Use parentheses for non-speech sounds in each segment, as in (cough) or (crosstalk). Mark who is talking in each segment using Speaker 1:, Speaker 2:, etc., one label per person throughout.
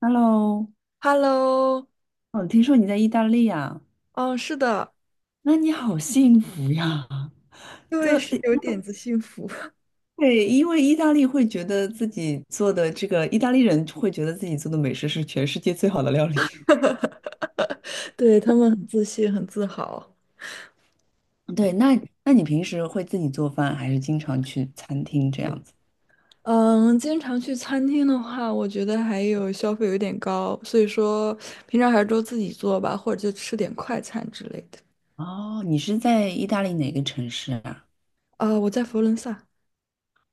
Speaker 1: Hello，
Speaker 2: Hello，
Speaker 1: 哦，听说你在意大利呀？
Speaker 2: 嗯，是的，
Speaker 1: 那你好幸福呀！
Speaker 2: 因
Speaker 1: 这
Speaker 2: 为是有点子幸福，(laughs)
Speaker 1: 对，因为意大利会觉得自己做的这个，意大利人会觉得自己做的美食是全世界最好的料理。
Speaker 2: 对，他们很自信，很自豪。
Speaker 1: (laughs) 对，那你平时会自己做饭，还是经常去餐厅这样子？
Speaker 2: 嗯，经常去餐厅的话，我觉得还有消费有点高，所以说平常还是都自己做吧，或者就吃点快餐之类的。
Speaker 1: 哦，你是在意大利哪个城市啊？
Speaker 2: 我在佛罗伦萨。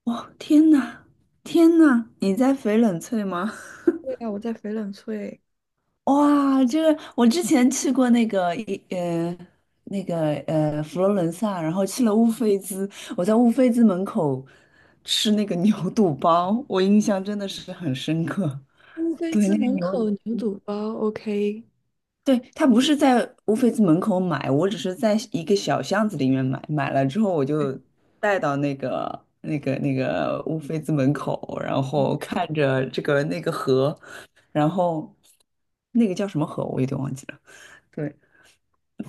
Speaker 1: 哇，天呐，天呐，你在翡冷翠吗？
Speaker 2: 对呀，我在翡冷翠。
Speaker 1: 哇，这个我之前去过那个一呃那个呃佛罗伦萨，然后去了乌菲兹，我在乌菲兹门口吃那个 (laughs) 牛肚包，我印象真的是很深刻。
Speaker 2: 乌菲
Speaker 1: 对，
Speaker 2: 兹
Speaker 1: 那个
Speaker 2: 门
Speaker 1: 牛，
Speaker 2: 口牛肚包，OK。
Speaker 1: 对，他不是在乌菲兹门口买，我只是在一个小巷子里面买，买了之后我就带到那个乌菲兹门口，然后看着这个那个河，然后那个叫什么河我有点忘记了。对。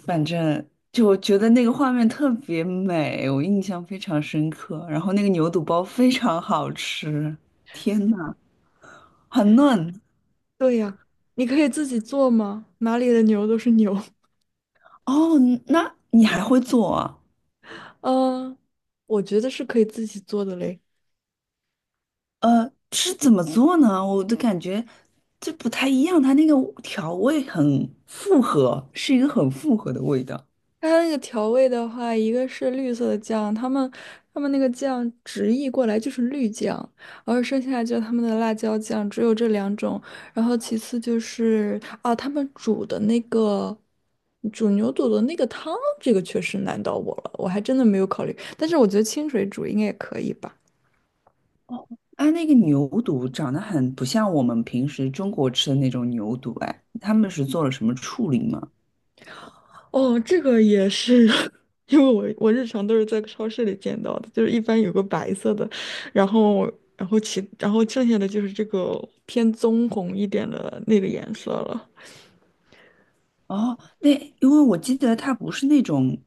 Speaker 1: 反正就我觉得那个画面特别美，我印象非常深刻。然后那个牛肚包非常好吃，天呐，很嫩。
Speaker 2: 对呀，你可以自己做吗？哪里的牛都是牛，(laughs)
Speaker 1: 哦，那你还会做啊
Speaker 2: 嗯，我觉得是可以自己做的嘞。
Speaker 1: 是怎么做呢？我的感觉这不太一样，它那个调味很复合，是一个很复合的味道。
Speaker 2: 它那个调味的话，一个是绿色的酱，他们那个酱直译过来就是绿酱，然后剩下就是他们的辣椒酱，只有这两种。然后其次就是啊，他们煮的那个煮牛肚的那个汤，这个确实难到我了，我还真的没有考虑。但是我觉得清水煮应该也可以吧。
Speaker 1: 哦，它那个牛肚长得很不像我们平时中国吃的那种牛肚，哎，他们是做了什么处理吗？
Speaker 2: 哦，这个也是，(laughs) 因为我日常都是在超市里见到的，就是一般有个白色的，然后然后其然后剩下的就是这个偏棕红一点的那个颜色了。
Speaker 1: 哦，那因为我记得它不是那种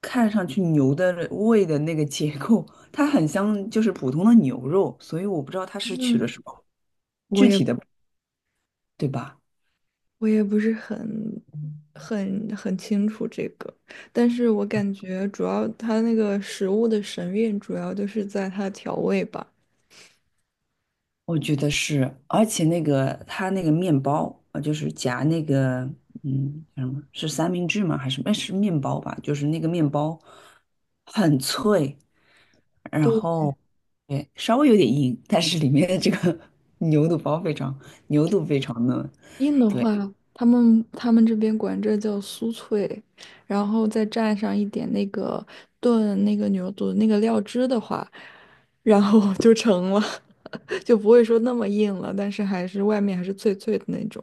Speaker 1: 看上去牛的胃的那个结构，它很像就是普通的牛肉，所以我不知道它是取了
Speaker 2: 嗯，
Speaker 1: 什么
Speaker 2: 我
Speaker 1: 具
Speaker 2: 也
Speaker 1: 体的，对吧？
Speaker 2: 我也不是很很清楚这个，但是我感觉主要它那个食物的神韵主要就是在它的调味吧。
Speaker 1: 我觉得是，而且那个它那个面包啊，就是夹那个叫什么是三明治吗？还是哎是面包吧？就是那个面包很脆，然后对稍微有点硬，但是里面的这个 (laughs) 牛肚包非常牛肚非常嫩。
Speaker 2: 硬的
Speaker 1: 对。
Speaker 2: 话，他们这边管这叫酥脆，然后再蘸上一点那个炖那个牛肚那个料汁的话，然后 (laughs) 就成了，(laughs) 就不会说那么硬了，但是外面还是脆脆的那种。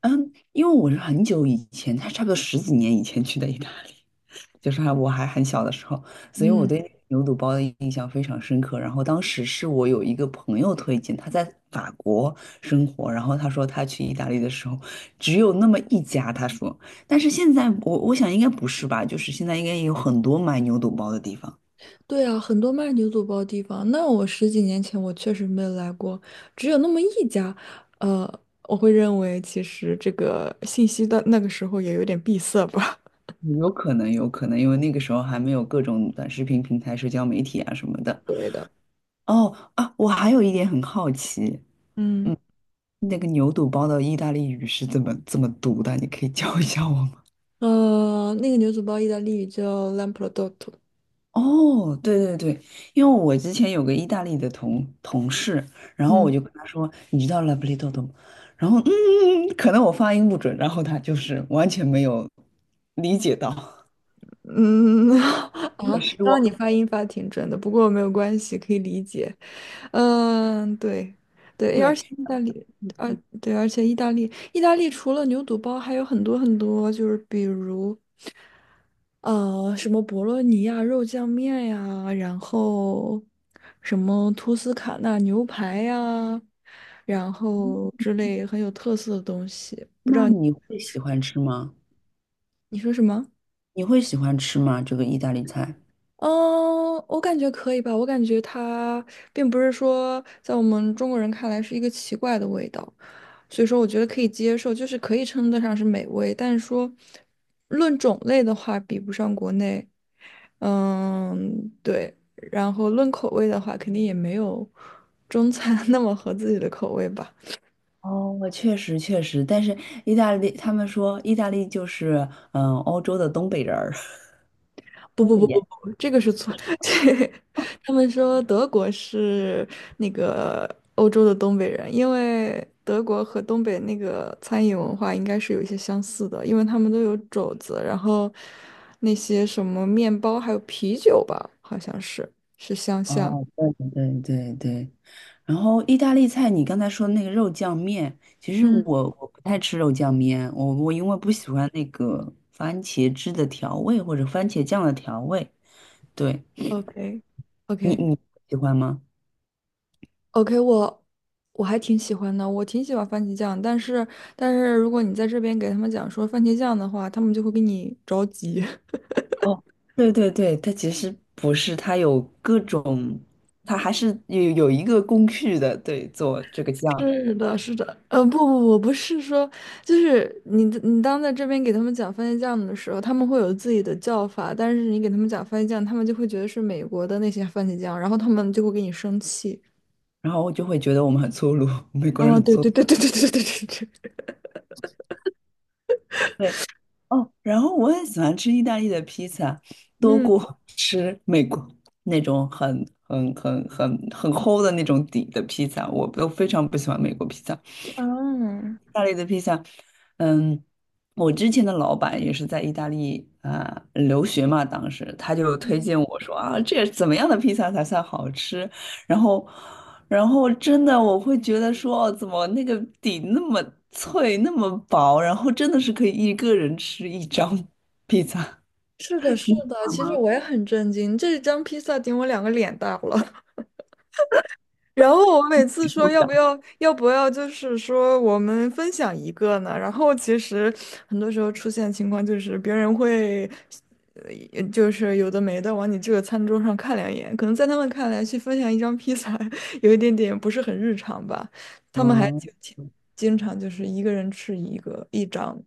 Speaker 1: 嗯，因为我是很久以前，他差不多十几年以前去的意大利，(laughs) 就是还我还很小的时候，所以我
Speaker 2: 嗯，
Speaker 1: 对牛肚包的印象非常深刻。然后当时是我有一个朋友推荐，他在法国生活，然后他说他去意大利的时候只有那么一家，他说，但是现在我想应该不是吧，就是现在应该也有很多卖牛肚包的地方，
Speaker 2: 对啊，很多卖牛肚包地方，那我十几年前我确实没有来过，只有那么一家。呃，我会认为其实这个信息的那个时候也有点闭塞吧。
Speaker 1: 有可能有可能，因为那个时候还没有各种短视频平台、社交媒体啊什么的。
Speaker 2: 对的，
Speaker 1: 哦啊，我还有一点很好奇。
Speaker 2: 嗯。
Speaker 1: 嗯。那个牛肚包的意大利语是怎么读的？你可以教一下我吗？
Speaker 2: 那个牛肚包意大利语叫 lamprodotto。
Speaker 1: 哦，对对对，因为我之前有个意大利的同事，然后我
Speaker 2: 嗯，
Speaker 1: 就跟他说，你知道 l a b r i d o 吗？然后可能我发音不准，然后他就是完全没有理解到，
Speaker 2: 嗯 (laughs)，啊，
Speaker 1: 很
Speaker 2: 刚
Speaker 1: 失
Speaker 2: 刚你
Speaker 1: 望。
Speaker 2: 发音发挺准的，不过没有关系，可以理解。嗯，对，对，而且
Speaker 1: 对，
Speaker 2: 意大利，而对，而且意大利，意大利除了牛肚包，还有很多很多，就是比如什么博洛尼亚肉酱面呀，然后什么托斯卡纳牛排呀，然后之类很有特色的东西。
Speaker 1: 那你会喜欢吃吗？
Speaker 2: 你说什么？
Speaker 1: 你会喜欢吃吗？这个意大利菜？
Speaker 2: 嗯，我感觉可以吧。我感觉它并不是说在我们中国人看来是一个奇怪的味道，所以说我觉得可以接受，就是可以称得上是美味。但是说论种类的话，比不上国内。嗯，对。然后论口味的话，肯定也没有中餐 (laughs) 那么合自己的口味吧。
Speaker 1: 哦，我确实确实，但是意大利他们说意大利就是欧洲的东北人儿，(laughs)
Speaker 2: 不
Speaker 1: 东
Speaker 2: 不
Speaker 1: 北
Speaker 2: 不不
Speaker 1: 人。
Speaker 2: 不，这个是错。(laughs) 对，他们说德国是那个欧洲的东北人，因为德国和东北那个餐饮文化应该是有一些相似的，因为他们都有肘子，然后那些什么面包还有啤酒吧，好像是是相像。
Speaker 1: 哦，对对对对对，然后意大利菜，你刚才说那个肉酱面，其实
Speaker 2: 嗯，
Speaker 1: 我不太吃肉酱面，我因为不喜欢那个番茄汁的调味或者番茄酱的调味。对，
Speaker 2: OK
Speaker 1: 你
Speaker 2: OK
Speaker 1: 你喜欢吗？
Speaker 2: OK，我还挺喜欢的，我挺喜欢番茄酱，但是如果你在这边给他们讲说番茄酱的话，他们就会给你着急。
Speaker 1: 哦，对对对，它其实不是，它有各种，它还是有一个工序的，对，做这个酱，
Speaker 2: 是的，是的，不是说，就是你当在这边给他们讲番茄酱的时候，他们会有自己的叫法，但是你给他们讲番茄酱，他们就会觉得是美国的那些番茄酱，然后他们就会给你生气。
Speaker 1: 然后我就会觉得我们很粗鲁，美国人很
Speaker 2: 对
Speaker 1: 粗。
Speaker 2: 对对对对对对对对，
Speaker 1: 对，哦，然后我很喜欢吃意大利的披萨，多
Speaker 2: 嗯
Speaker 1: 过 (laughs) 吃美国那种很很很很很厚的那种底的披萨，我都非常不喜欢美国披萨。
Speaker 2: 嗯，
Speaker 1: 意大利的披萨，嗯，我之前的老板也是在意大利啊、留学嘛，当时他就推荐我说啊，这怎么样的披萨才算好吃？然后，然后，真的我会觉得说，哦，怎么那个底那么脆，那么薄，然后真的是可以一个人吃一张 (laughs) 披萨。
Speaker 2: 是的，是的，其实我也很震惊，这一张披萨顶我两个脸大了。然后我每次说要不要就是说我们分享一个呢？然后其实很多时候出现情况就是别人会，就是有的没的往你这个餐桌上看两眼，可能在他们看来去分享一张披萨 (laughs) 有一点点不是很日常吧，他们还
Speaker 1: 嗯，
Speaker 2: 就经常就是一个人吃一张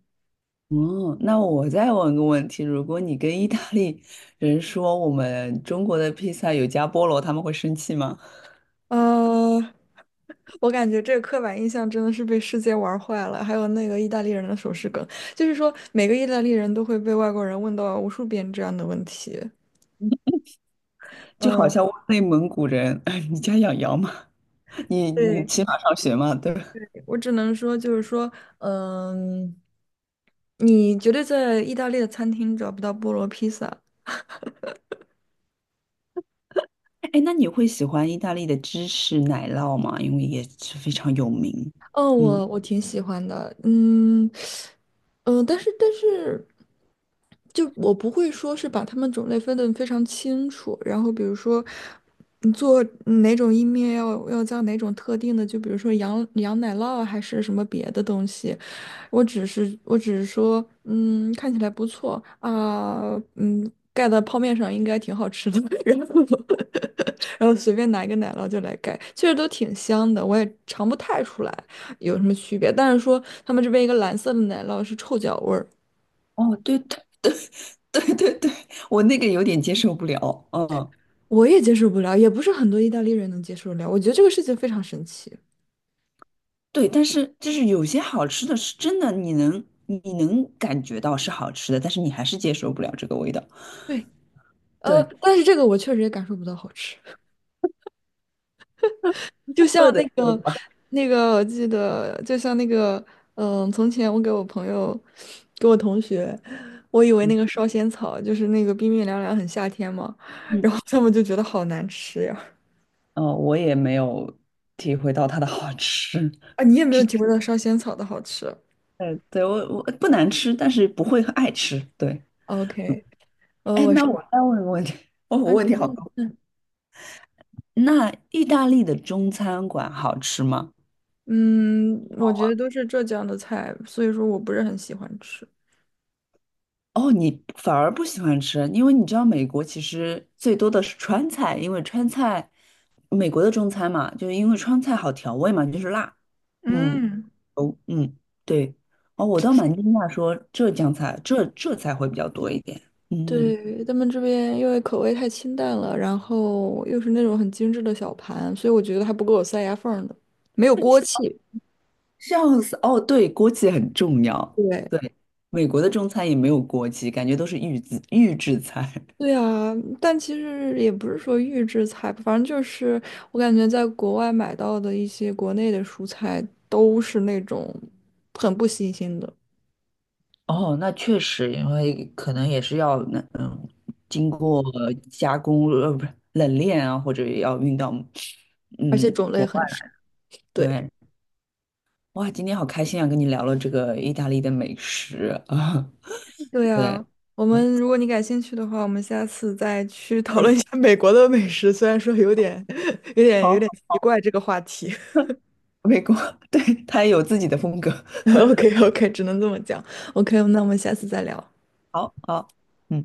Speaker 1: 嗯，那我再问个问题，如果你跟意大利人说我们中国的披萨有加菠萝，他们会生气吗？
Speaker 2: 呃，我感觉这个刻板印象真的是被世界玩坏了，还有那个意大利人的手势梗，就是说每个意大利人都会被外国人问到无数遍这样的问题。
Speaker 1: 就好
Speaker 2: 嗯，
Speaker 1: 像问内蒙古人，哎，你家养羊吗？你
Speaker 2: 对，
Speaker 1: 骑马上学吗？对吧？
Speaker 2: 我只能说就是说，嗯，你绝对在意大利的餐厅找不到菠萝披萨。
Speaker 1: 哎，那你会喜欢意大利的芝士奶酪吗？因为也是非常有名。
Speaker 2: 嗯，
Speaker 1: 嗯，
Speaker 2: 我挺喜欢的。嗯，嗯，但是就我不会说是把它们种类分得非常清楚，然后比如说，你做哪种意面要加哪种特定的，就比如说羊奶酪啊还是什么别的东西，我只是说，嗯，看起来不错啊。嗯，盖在泡面上应该挺好吃的，(laughs) 然后 (laughs) 然后随便拿一个奶酪就来盖，确实都挺香的，我也尝不太出来有什么区别。但是说他们这边一个蓝色的奶酪是臭脚味儿。
Speaker 1: 哦，对对对对对，我那个有点接受不了。嗯，
Speaker 2: 我也接受不了，也不是很多意大利人能接受得了。我觉得这个事情非常神奇。
Speaker 1: 对，但是就是有些好吃的是真的，你能感觉到是好吃的，但是你还是接受不了这个味道。
Speaker 2: 对，
Speaker 1: 对，
Speaker 2: 但是这个我确实也感受不到好吃，(laughs) 就像
Speaker 1: 饿的
Speaker 2: 那
Speaker 1: 时候
Speaker 2: 个
Speaker 1: 吧，
Speaker 2: 那个，我记得就像那个，从前我给我朋友，给我同学，我以为那个烧仙草就是那个冰冰凉凉很夏天嘛，
Speaker 1: 嗯，
Speaker 2: 然后他们就觉得好难吃呀。
Speaker 1: 哦，我也没有体会到它的好吃。
Speaker 2: 啊，你也没有体会到烧仙草的好吃。
Speaker 1: 对，我不难吃，但是不会爱吃。对，
Speaker 2: OK。呃，
Speaker 1: 哎，
Speaker 2: 我是
Speaker 1: 那我再问个问题，哦，我
Speaker 2: 啊，
Speaker 1: 问
Speaker 2: 你
Speaker 1: 题好
Speaker 2: 问。
Speaker 1: 多。那意大利的中餐馆好吃吗？
Speaker 2: 嗯，我觉得都是浙江的菜，所以说我不是很喜欢吃。
Speaker 1: 哦，你反而不喜欢吃，因为你知道美国其实最多的是川菜，因为川菜，美国的中餐嘛，就是因为川菜好调味嘛，就是辣。嗯，
Speaker 2: 嗯，
Speaker 1: 哦，嗯，对，哦，我倒蛮惊讶说浙江菜，浙菜会比较多一点。嗯。
Speaker 2: 对，他们这边因为口味太清淡了，然后又是那种很精致的小盘，所以我觉得还不够我塞牙缝儿的，没有锅气。
Speaker 1: 笑死！哦，对，锅气很重要。
Speaker 2: 对，
Speaker 1: 对，美国的中餐也没有锅气，感觉都是预制菜。
Speaker 2: 对
Speaker 1: (laughs)
Speaker 2: 啊，但其实也不是说预制菜吧，反正就是我感觉在国外买到的一些国内的蔬菜都是那种很不新鲜的，
Speaker 1: 哦，那确实，因为可能也是要经过加工，不是冷链啊，或者也要运到，
Speaker 2: 而且
Speaker 1: 嗯，
Speaker 2: 种类很少。对。
Speaker 1: 对。哇，今天好开心啊，跟你聊了这个意大利的美食啊，
Speaker 2: 对
Speaker 1: (laughs) 对，
Speaker 2: 呀，我
Speaker 1: 嗯，
Speaker 2: 们如果你感兴趣的话，我们下次再去讨
Speaker 1: 哎
Speaker 2: 论一下 (laughs) 美国的美食。虽然说有点、(laughs) 有点、有点
Speaker 1: 好，
Speaker 2: 奇怪这个话题。
Speaker 1: 美国，(laughs) 对，它也有自己的风格。
Speaker 2: (laughs) OK OK，只能这么讲。OK，那我们下次再聊。
Speaker 1: (laughs) 好，好，嗯。